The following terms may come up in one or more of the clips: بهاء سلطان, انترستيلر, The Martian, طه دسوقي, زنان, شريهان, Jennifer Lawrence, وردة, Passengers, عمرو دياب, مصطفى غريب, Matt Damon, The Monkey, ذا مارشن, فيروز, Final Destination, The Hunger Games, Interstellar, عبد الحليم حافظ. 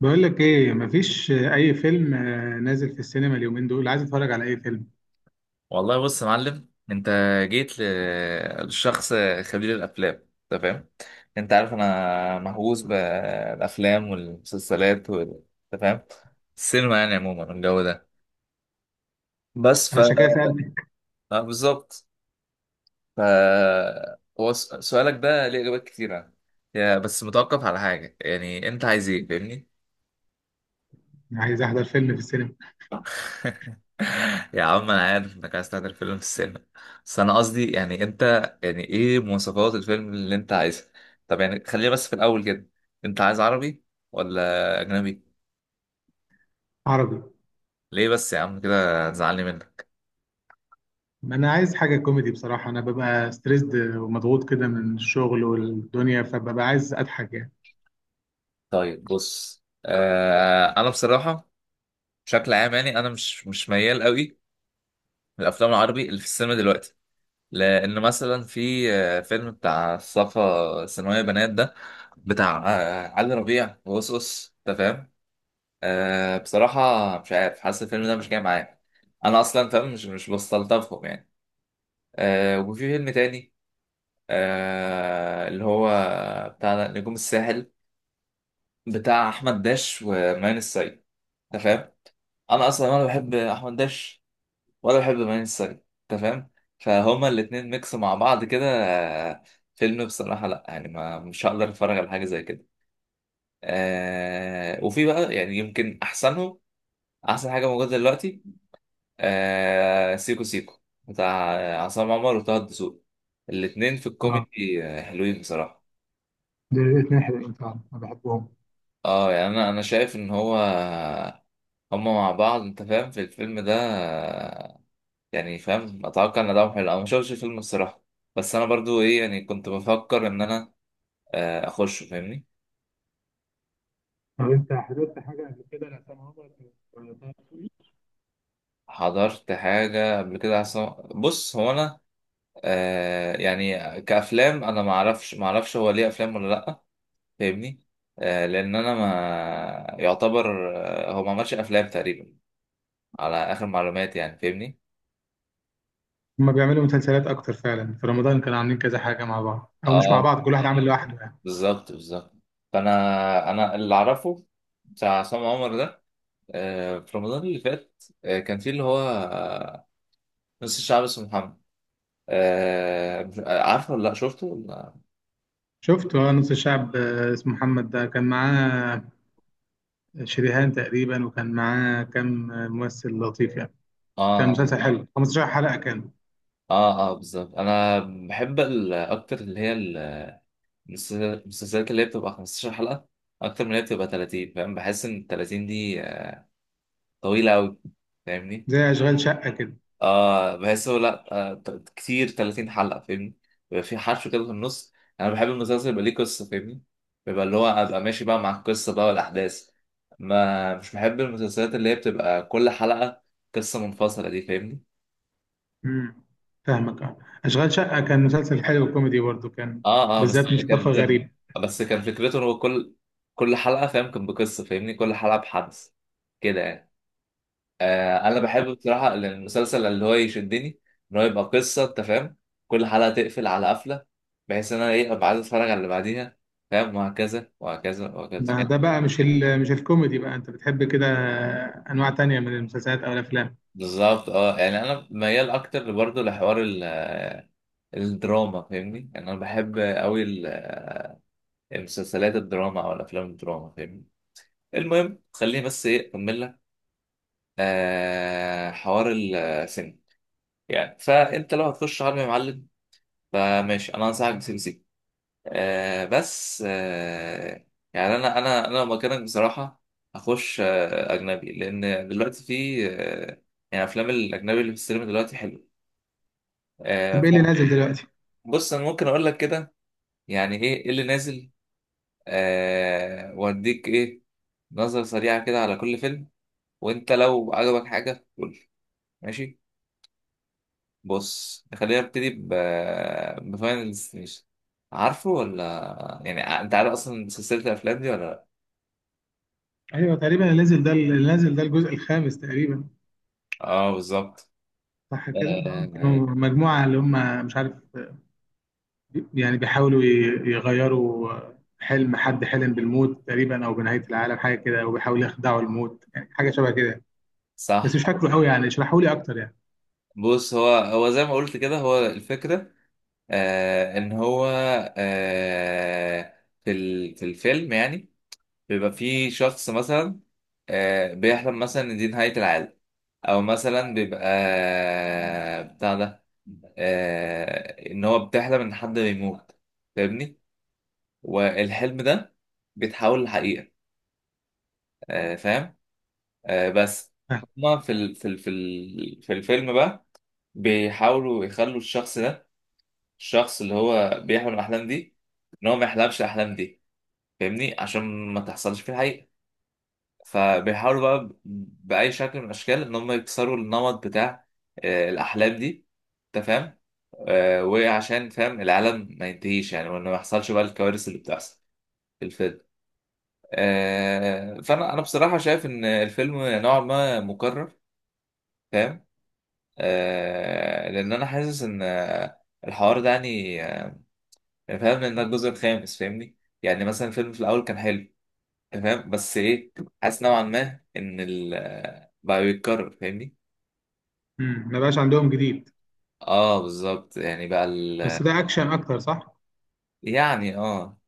بقول لك ايه، مفيش اي فيلم نازل في السينما اليومين دول، عايز اتفرج على اي فيلم. والله بص يا معلم انت. جيت لشخص خبير الافلام. انت فاهم؟ انت عارف انا مهووس بالافلام والمسلسلات انت فاهم؟ السينما يعني عموما والجو ده. بس انا عشان كده سالتك. اه بالظبط. ف هو سؤالك ده ليه اجابات كتيره. يا بس متوقف على حاجه، يعني انت عايز ايه؟ فاهمني. أنا عايز احضر فيلم في السينما. يا عم انا عارف انك عايز تعمل فيلم في السينما، بس انا قصدي، يعني انت، يعني ايه مواصفات الفيلم اللي انت عايزها؟ طب يعني خلينا بس في الاول كده، انت عايز عربي ولا اجنبي؟ عربي. ليه بس يا عم كده؟ هتزعلني منك. ما انا عايز حاجه كوميدي بصراحه، انا ببقى ستريسد ومضغوط كده من الشغل والدنيا، فببقى عايز اضحك يعني. طيب بص، انا بصراحه بشكل عام يعني انا مش ميال قوي للافلام العربي اللي في السينما دلوقتي. لان مثلا في فيلم بتاع الصفا ثانويه بنات ده، بتاع علي ربيع وقصقص. انت فاهم؟ أه بصراحة مش عارف، حاسس الفيلم ده مش جاي معايا. أنا أصلا فاهم، مش بستلطفهم يعني. وفي فيلم تاني، اللي هو بتاع نجوم الساحل، بتاع أحمد داش وماين السيد. أنت فاهم؟ أنا أصلا ولا بحب أحمد داش ولا بحب ماين السيد. أنت فاهم. فهما الاتنين ميكس مع بعض كده. فيلم بصراحة لأ، يعني ما مش هقدر أتفرج على حاجة زي كده. وفي بقى يعني يمكن أحسنهم، أحسن حاجة موجودة دلوقتي، سيكو سيكو، بتاع عصام عمر وطه الدسوقي. الاتنين في اه، الكوميدي حلوين بصراحة. دول الاثنين حلوين فعلا، انا بحبهم. اه يعني انا شايف ان هو، هما مع بعض انت فاهم، في الفيلم ده. يعني فاهم، اتوقع ان ده حلو. انا ما شفتش الفيلم الصراحة، بس انا برضو ايه يعني كنت بفكر ان انا اخش. فاهمني. طب انت حضرت حاجه قبل كده لعصام عمر ولا طه دسوقي؟ حضرت حاجة قبل كده عصام. بص هو انا، يعني كأفلام انا ما اعرفش هو ليه افلام ولا لا. فاهمني. لان انا ما يعتبر، هو ما عملش افلام تقريبا على اخر معلومات يعني. فاهمني. هما بيعملوا مسلسلات اكتر فعلا، في رمضان كانوا عاملين كذا حاجه مع بعض او مش مع اه بعض، كل واحد عامل لوحده يعني. بالظبط بالظبط. فانا اللي اعرفه بتاع عصام عمر ده في رمضان اللي فات، كان في اللي هو نص الشعب اسمه محمد. عارفه ولا لا؟ شفته ولا؟ شفت نص الشعب اسمه محمد ده، كان معاه شريهان تقريبا، وكان معاه كام ممثل لطيف يعني. اه كان اه. مسلسل حلو، 15 حلقة كان. بالظبط. انا بحب اكتر اللي هي المسلسلات اللي هي بتبقى 15 حلقة اكتر من اللي هي بتبقى 30. فاهم؟ بحس ان ال 30 دي طويلة أوي. فاهمني؟ زي أشغال شقة كده. بحسه لأ. كتير 30 حلقة. فاهمني؟ بيبقى في حشو كده في النص. أنا بحب المسلسل يبقى ليه قصة. فاهمني؟ بيبقى اللي هو أبقى ماشي بقى مع القصة بقى والأحداث. ما مش بحب المسلسلات اللي هي بتبقى كل حلقة قصة منفصلة دي. فاهمني؟ امم. فاهمك، اه. أشغال شقة كان مسلسل حلو كوميدي برضه، كان بالذات بس ده مصطفى كان. غريب. بس كان فكرته إن هو كل حلقة فاهم، كان بقصة. فاهمني؟ كل حلقة بحدث كده يعني. انا بحب بصراحه إن المسلسل اللي هو يشدني، ان هو يبقى قصه انت فاهم، كل حلقه تقفل على قفله، بحيث ان انا ايه ابقى عايز اتفرج على اللي بعديها. فاهم؟ وهكذا وهكذا وهكذا. ما ده فاهم؟ بقى مش الكوميدي بقى، أنت بتحب كده أنواع تانية من المسلسلات أو الأفلام. بالظبط. اه يعني انا ميال اكتر برضه لحوار الدراما. فاهمني. يعني انا بحب قوي المسلسلات الدراما او الافلام الدراما. فاهمني. المهم خليني بس ايه اكمل لك حوار السينما يعني. فانت لو هتخش عالم يا معلم، فماشي انا انصحك بسي بي سي. آه بس آه يعني انا لو مكانك بصراحه، هخش اجنبي، لان دلوقتي في يعني افلام الاجنبي اللي في السينما دلوقتي حلو آه طب إيه اللي نازل دلوقتي؟ فبص انا ممكن اقول لك كده، يعني ايه إيه اللي نازل، واديك ايه، نظره سريعه كده على كل فيلم، وانت لو عجبك حاجه قول لي. ماشي. بص خلينا نبتدي بفاينل ديستنيشن. عارفه ولا يعني، انت عارف اصلا سلسله الافلام دي ولا لا؟ أيوه، تقريبا اللي نازل ده الجزء الخامس تقريبا، اه بالظبط. صح كده؟ اه، آه، كانوا مجموعة اللي هم مش عارف، يعني بيحاولوا يغيروا حلم، حد حلم بالموت تقريبا او بنهايه العالم، حاجه كده، وبيحاولوا يخدعوا الموت يعني، حاجه شبه كده. بس صح. مش فاكره قوي يعني، اشرحوا لي اكتر يعني. بص هو زي ما قلت كده، هو الفكرة، ان هو في الفيلم يعني، بيبقى في شخص مثلا بيحلم مثلا ان دي نهاية العالم، او مثلا بيبقى بتاع ده، ان هو بتحلم ان حد بيموت. فاهمني. والحلم ده بيتحول لحقيقة. فاهم. آه بس آه. هما في الفيلم بقى بيحاولوا يخلوا الشخص ده، الشخص اللي هو بيحلم الأحلام دي، إن هو ما يحلمش الأحلام دي. فاهمني. عشان ما تحصلش في الحقيقة. فبيحاولوا بقى بأي شكل من الأشكال إن هم يكسروا النمط بتاع الأحلام دي. أنت فاهم. وعشان فاهم العالم ما ينتهيش يعني، وإن ما يحصلش بقى الكوارث اللي بتحصل في الفيلم. فأنا بصراحة شايف إن الفيلم نوعا ما مكرر. فاهم. لأن أنا حاسس إن الحوار ده يعني، يعني فاهم انها الجزء الخامس. فاهمني. يعني مثلا الفيلم في الاول كان حلو تمام، بس ايه، حاسس نوعا ما ان بقى بيتكرر. فاهمني. مم. ما بقاش عندهم جديد. اه بالظبط يعني بقى بس ده اكشن اكتر، صح؟ يعني اه.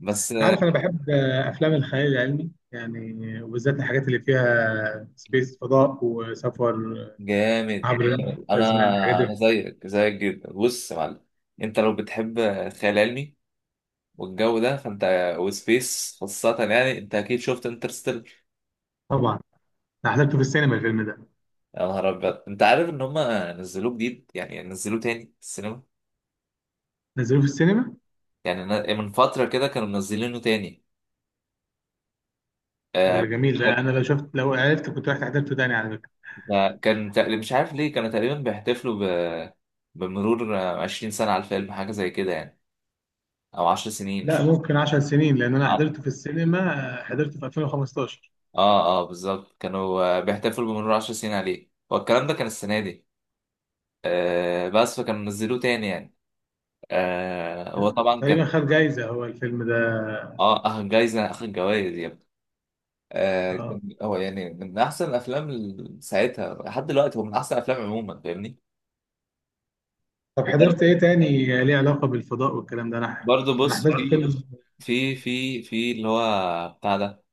بس. انت عارف انا بحب افلام الخيال العلمي يعني، وبالذات الحاجات اللي فيها سبيس، فضاء وسفر جامد عبر جامد. انا الازمان، الحاجات انا دي. زيك زيك جدا. بص يا معلم، انت لو بتحب الخيال العلمي والجو ده فانت، وسبيس خاصة يعني، انت اكيد شفت انترستيلر. طبعا. انا حضرته في السينما الفيلم ده. يا نهار ابيض، انت عارف ان هم نزلوه جديد، يعني نزلوه تاني في السينما. نزلوه في السينما. يعني من فترة كده كانوا منزلينه تاني. آه، جميل ده، انا لو شفت، لو عرفت كنت رحت حضرته تاني على. كان تقريبا مش عارف ليه كانوا تقريبا بيحتفلوا ب... بمرور 20 سنة على الفيلم حاجة زي كده يعني، أو 10 سنين مش لا، فاكر. ممكن 10 سنين، لان انا اه حضرته في السينما، حضرته في 2015. اه. بالظبط، كانوا بيحتفلوا بمرور 10 سنين عليه. هو الكلام ده كان السنة دي. بس فكانوا نزلوه تاني يعني. هو طبعا تقريبا كان. خد جايزة هو الفيلم ده. اه أخد جايزة، أخد جوايز يا ابني. آه. كان هو يعني من أحسن الأفلام ساعتها. لحد دلوقتي هو من أحسن الأفلام عموما. فاهمني. طب حضرت ايه تاني ليه علاقة بالفضاء والكلام ده، انا برضه انا بص حضرت فيلم. في في اللي هو بتاع ده،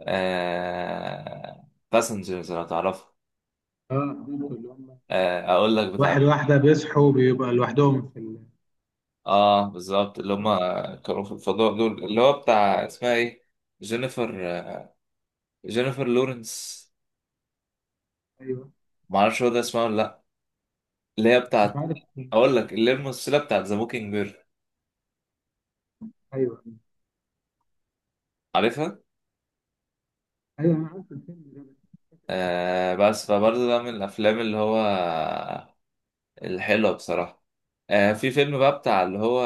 باسنجرز. لو تعرفه، اه، حضرته، اللي هم اقول لك بتاع. واحد واحدة بيصحوا بيبقى لوحدهم في. اه بالظبط، اللي هم كانوا في الفضاء دول. اللي هو بتاع، اسمها ايه، جينيفر، جينيفر لورنس. ايوه. معرفش هو ده اسمها ولا لا، اللي هي مش بتاعت. عارف، مش اقول فاكر. لك اللي هي الممثله بتاعت ذا موكينج بير. ايوه، عارفها. ايوه، انا عارف الفيلم ده. بس مش فاكر. آه بس فبرضه ده من الافلام اللي هو الحلوه بصراحه. في فيلم بقى بتاع اللي هو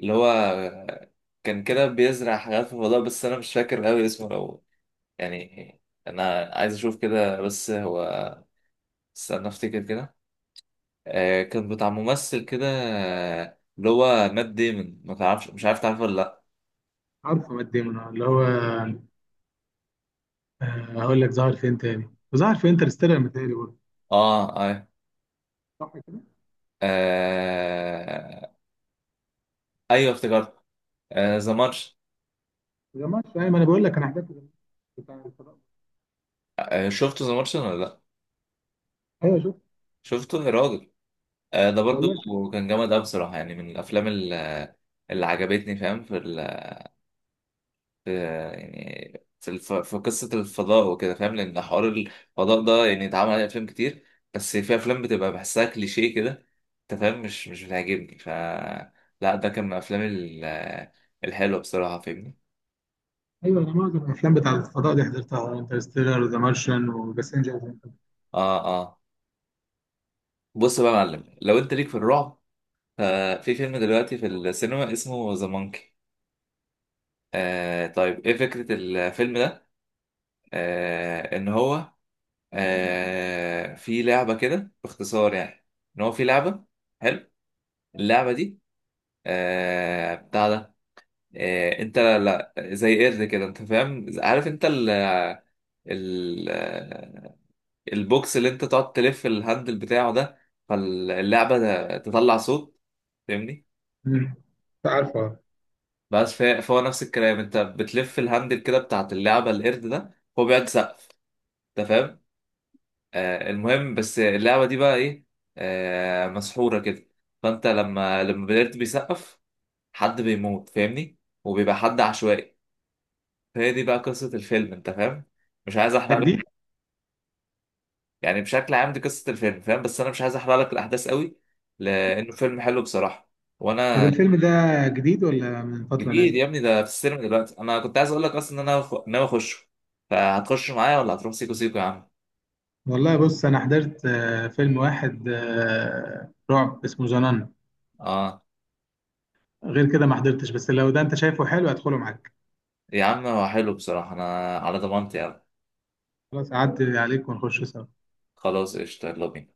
اللي هو كان كده بيزرع حاجات في الفضاء، بس انا مش فاكر قوي اسمه. لو يعني انا عايز اشوف كده، بس هو استنى افتكر كده. كان بتاع ممثل كده، اللي هو مات ديمون. ما تعرفش؟ مش عارف تعرفه ولا لا؟ عارفه مات ديمون، اللي هو، هقول لك ظهر فين تاني، ظهر في انترستيلر متهيألي برضه، اه اه. صح كده؟ آه ايوه افتكرت. ذا مارش. ما جمعتش، ايوه، ما انا بقول لك انا حضرت بتاع الفضاء. شفته ذا مارش ولا لا؟ ايوه. شفته يا راجل. ده برضو والله شوف. كان جامد أوي بصراحة، يعني من الأفلام اللي عجبتني. فاهم. في يعني في في قصة الفضاء وكده. فاهم. لأن حوار الفضاء ده يعني اتعمل عليه أفلام كتير، بس في أفلام بتبقى بحسها كليشيه كده. أنت فاهم. مش بتعجبني. لا، ده كان من الأفلام الحلوة بصراحة. فاهمني. ايوه، انا معظم الافلام بتاع الفضاء دي حضرتها، انترستيلر، ذا مارشن، وباسنجر. آه آه بص بقى يا معلم، لو أنت ليك في الرعب، ففي فيلم دلوقتي في السينما اسمه ذا مونكي. طيب إيه فكرة الفيلم ده؟ إن هو في لعبة كده باختصار يعني، إن هو في لعبة، حلو، اللعبة دي بتاع ده، انت لا لا زي قرد كده انت فاهم. عارف انت ال ال آه، البوكس اللي انت تقعد تلف الهاندل بتاعه ده، فاللعبة ده تطلع صوت. فاهمني. مم. عارفه. فهو نفس الكلام، انت بتلف الهاندل كده بتاعت اللعبة القرد ده، هو بيقعد يسقف. انت فاهم. المهم بس اللعبة دي بقى ايه، مسحورة كده. فانت لما القرد بيسقف، حد بيموت. فاهمني. وبيبقى حد عشوائي. فهي دي بقى قصة الفيلم. انت فاهم. مش عايز ده احرق جديد. لك. يعني بشكل عام دي قصة الفيلم، فاهم، بس انا مش عايز احرق لك الاحداث قوي، لانه فيلم حلو بصراحة، طب وانا. الفيلم ده جديد ولا من فتره جديد نازل؟ يا ابني، ده في السينما دلوقتي. انا كنت عايز اقول لك اصلا ان انا ناوي اخشه. فهتخش معايا ولا هتروح سيكو سيكو يا عم؟ والله بص، انا حضرت فيلم واحد رعب اسمه زنان. اه غير كده ما حضرتش، بس لو ده انت شايفه حلو هدخله معاك. يا عم هو حلو بصراحة، انا على ضمانتي يا عم. خلاص، اعدي عليك ونخش سوا. خلاص قشطة، يلا بينا.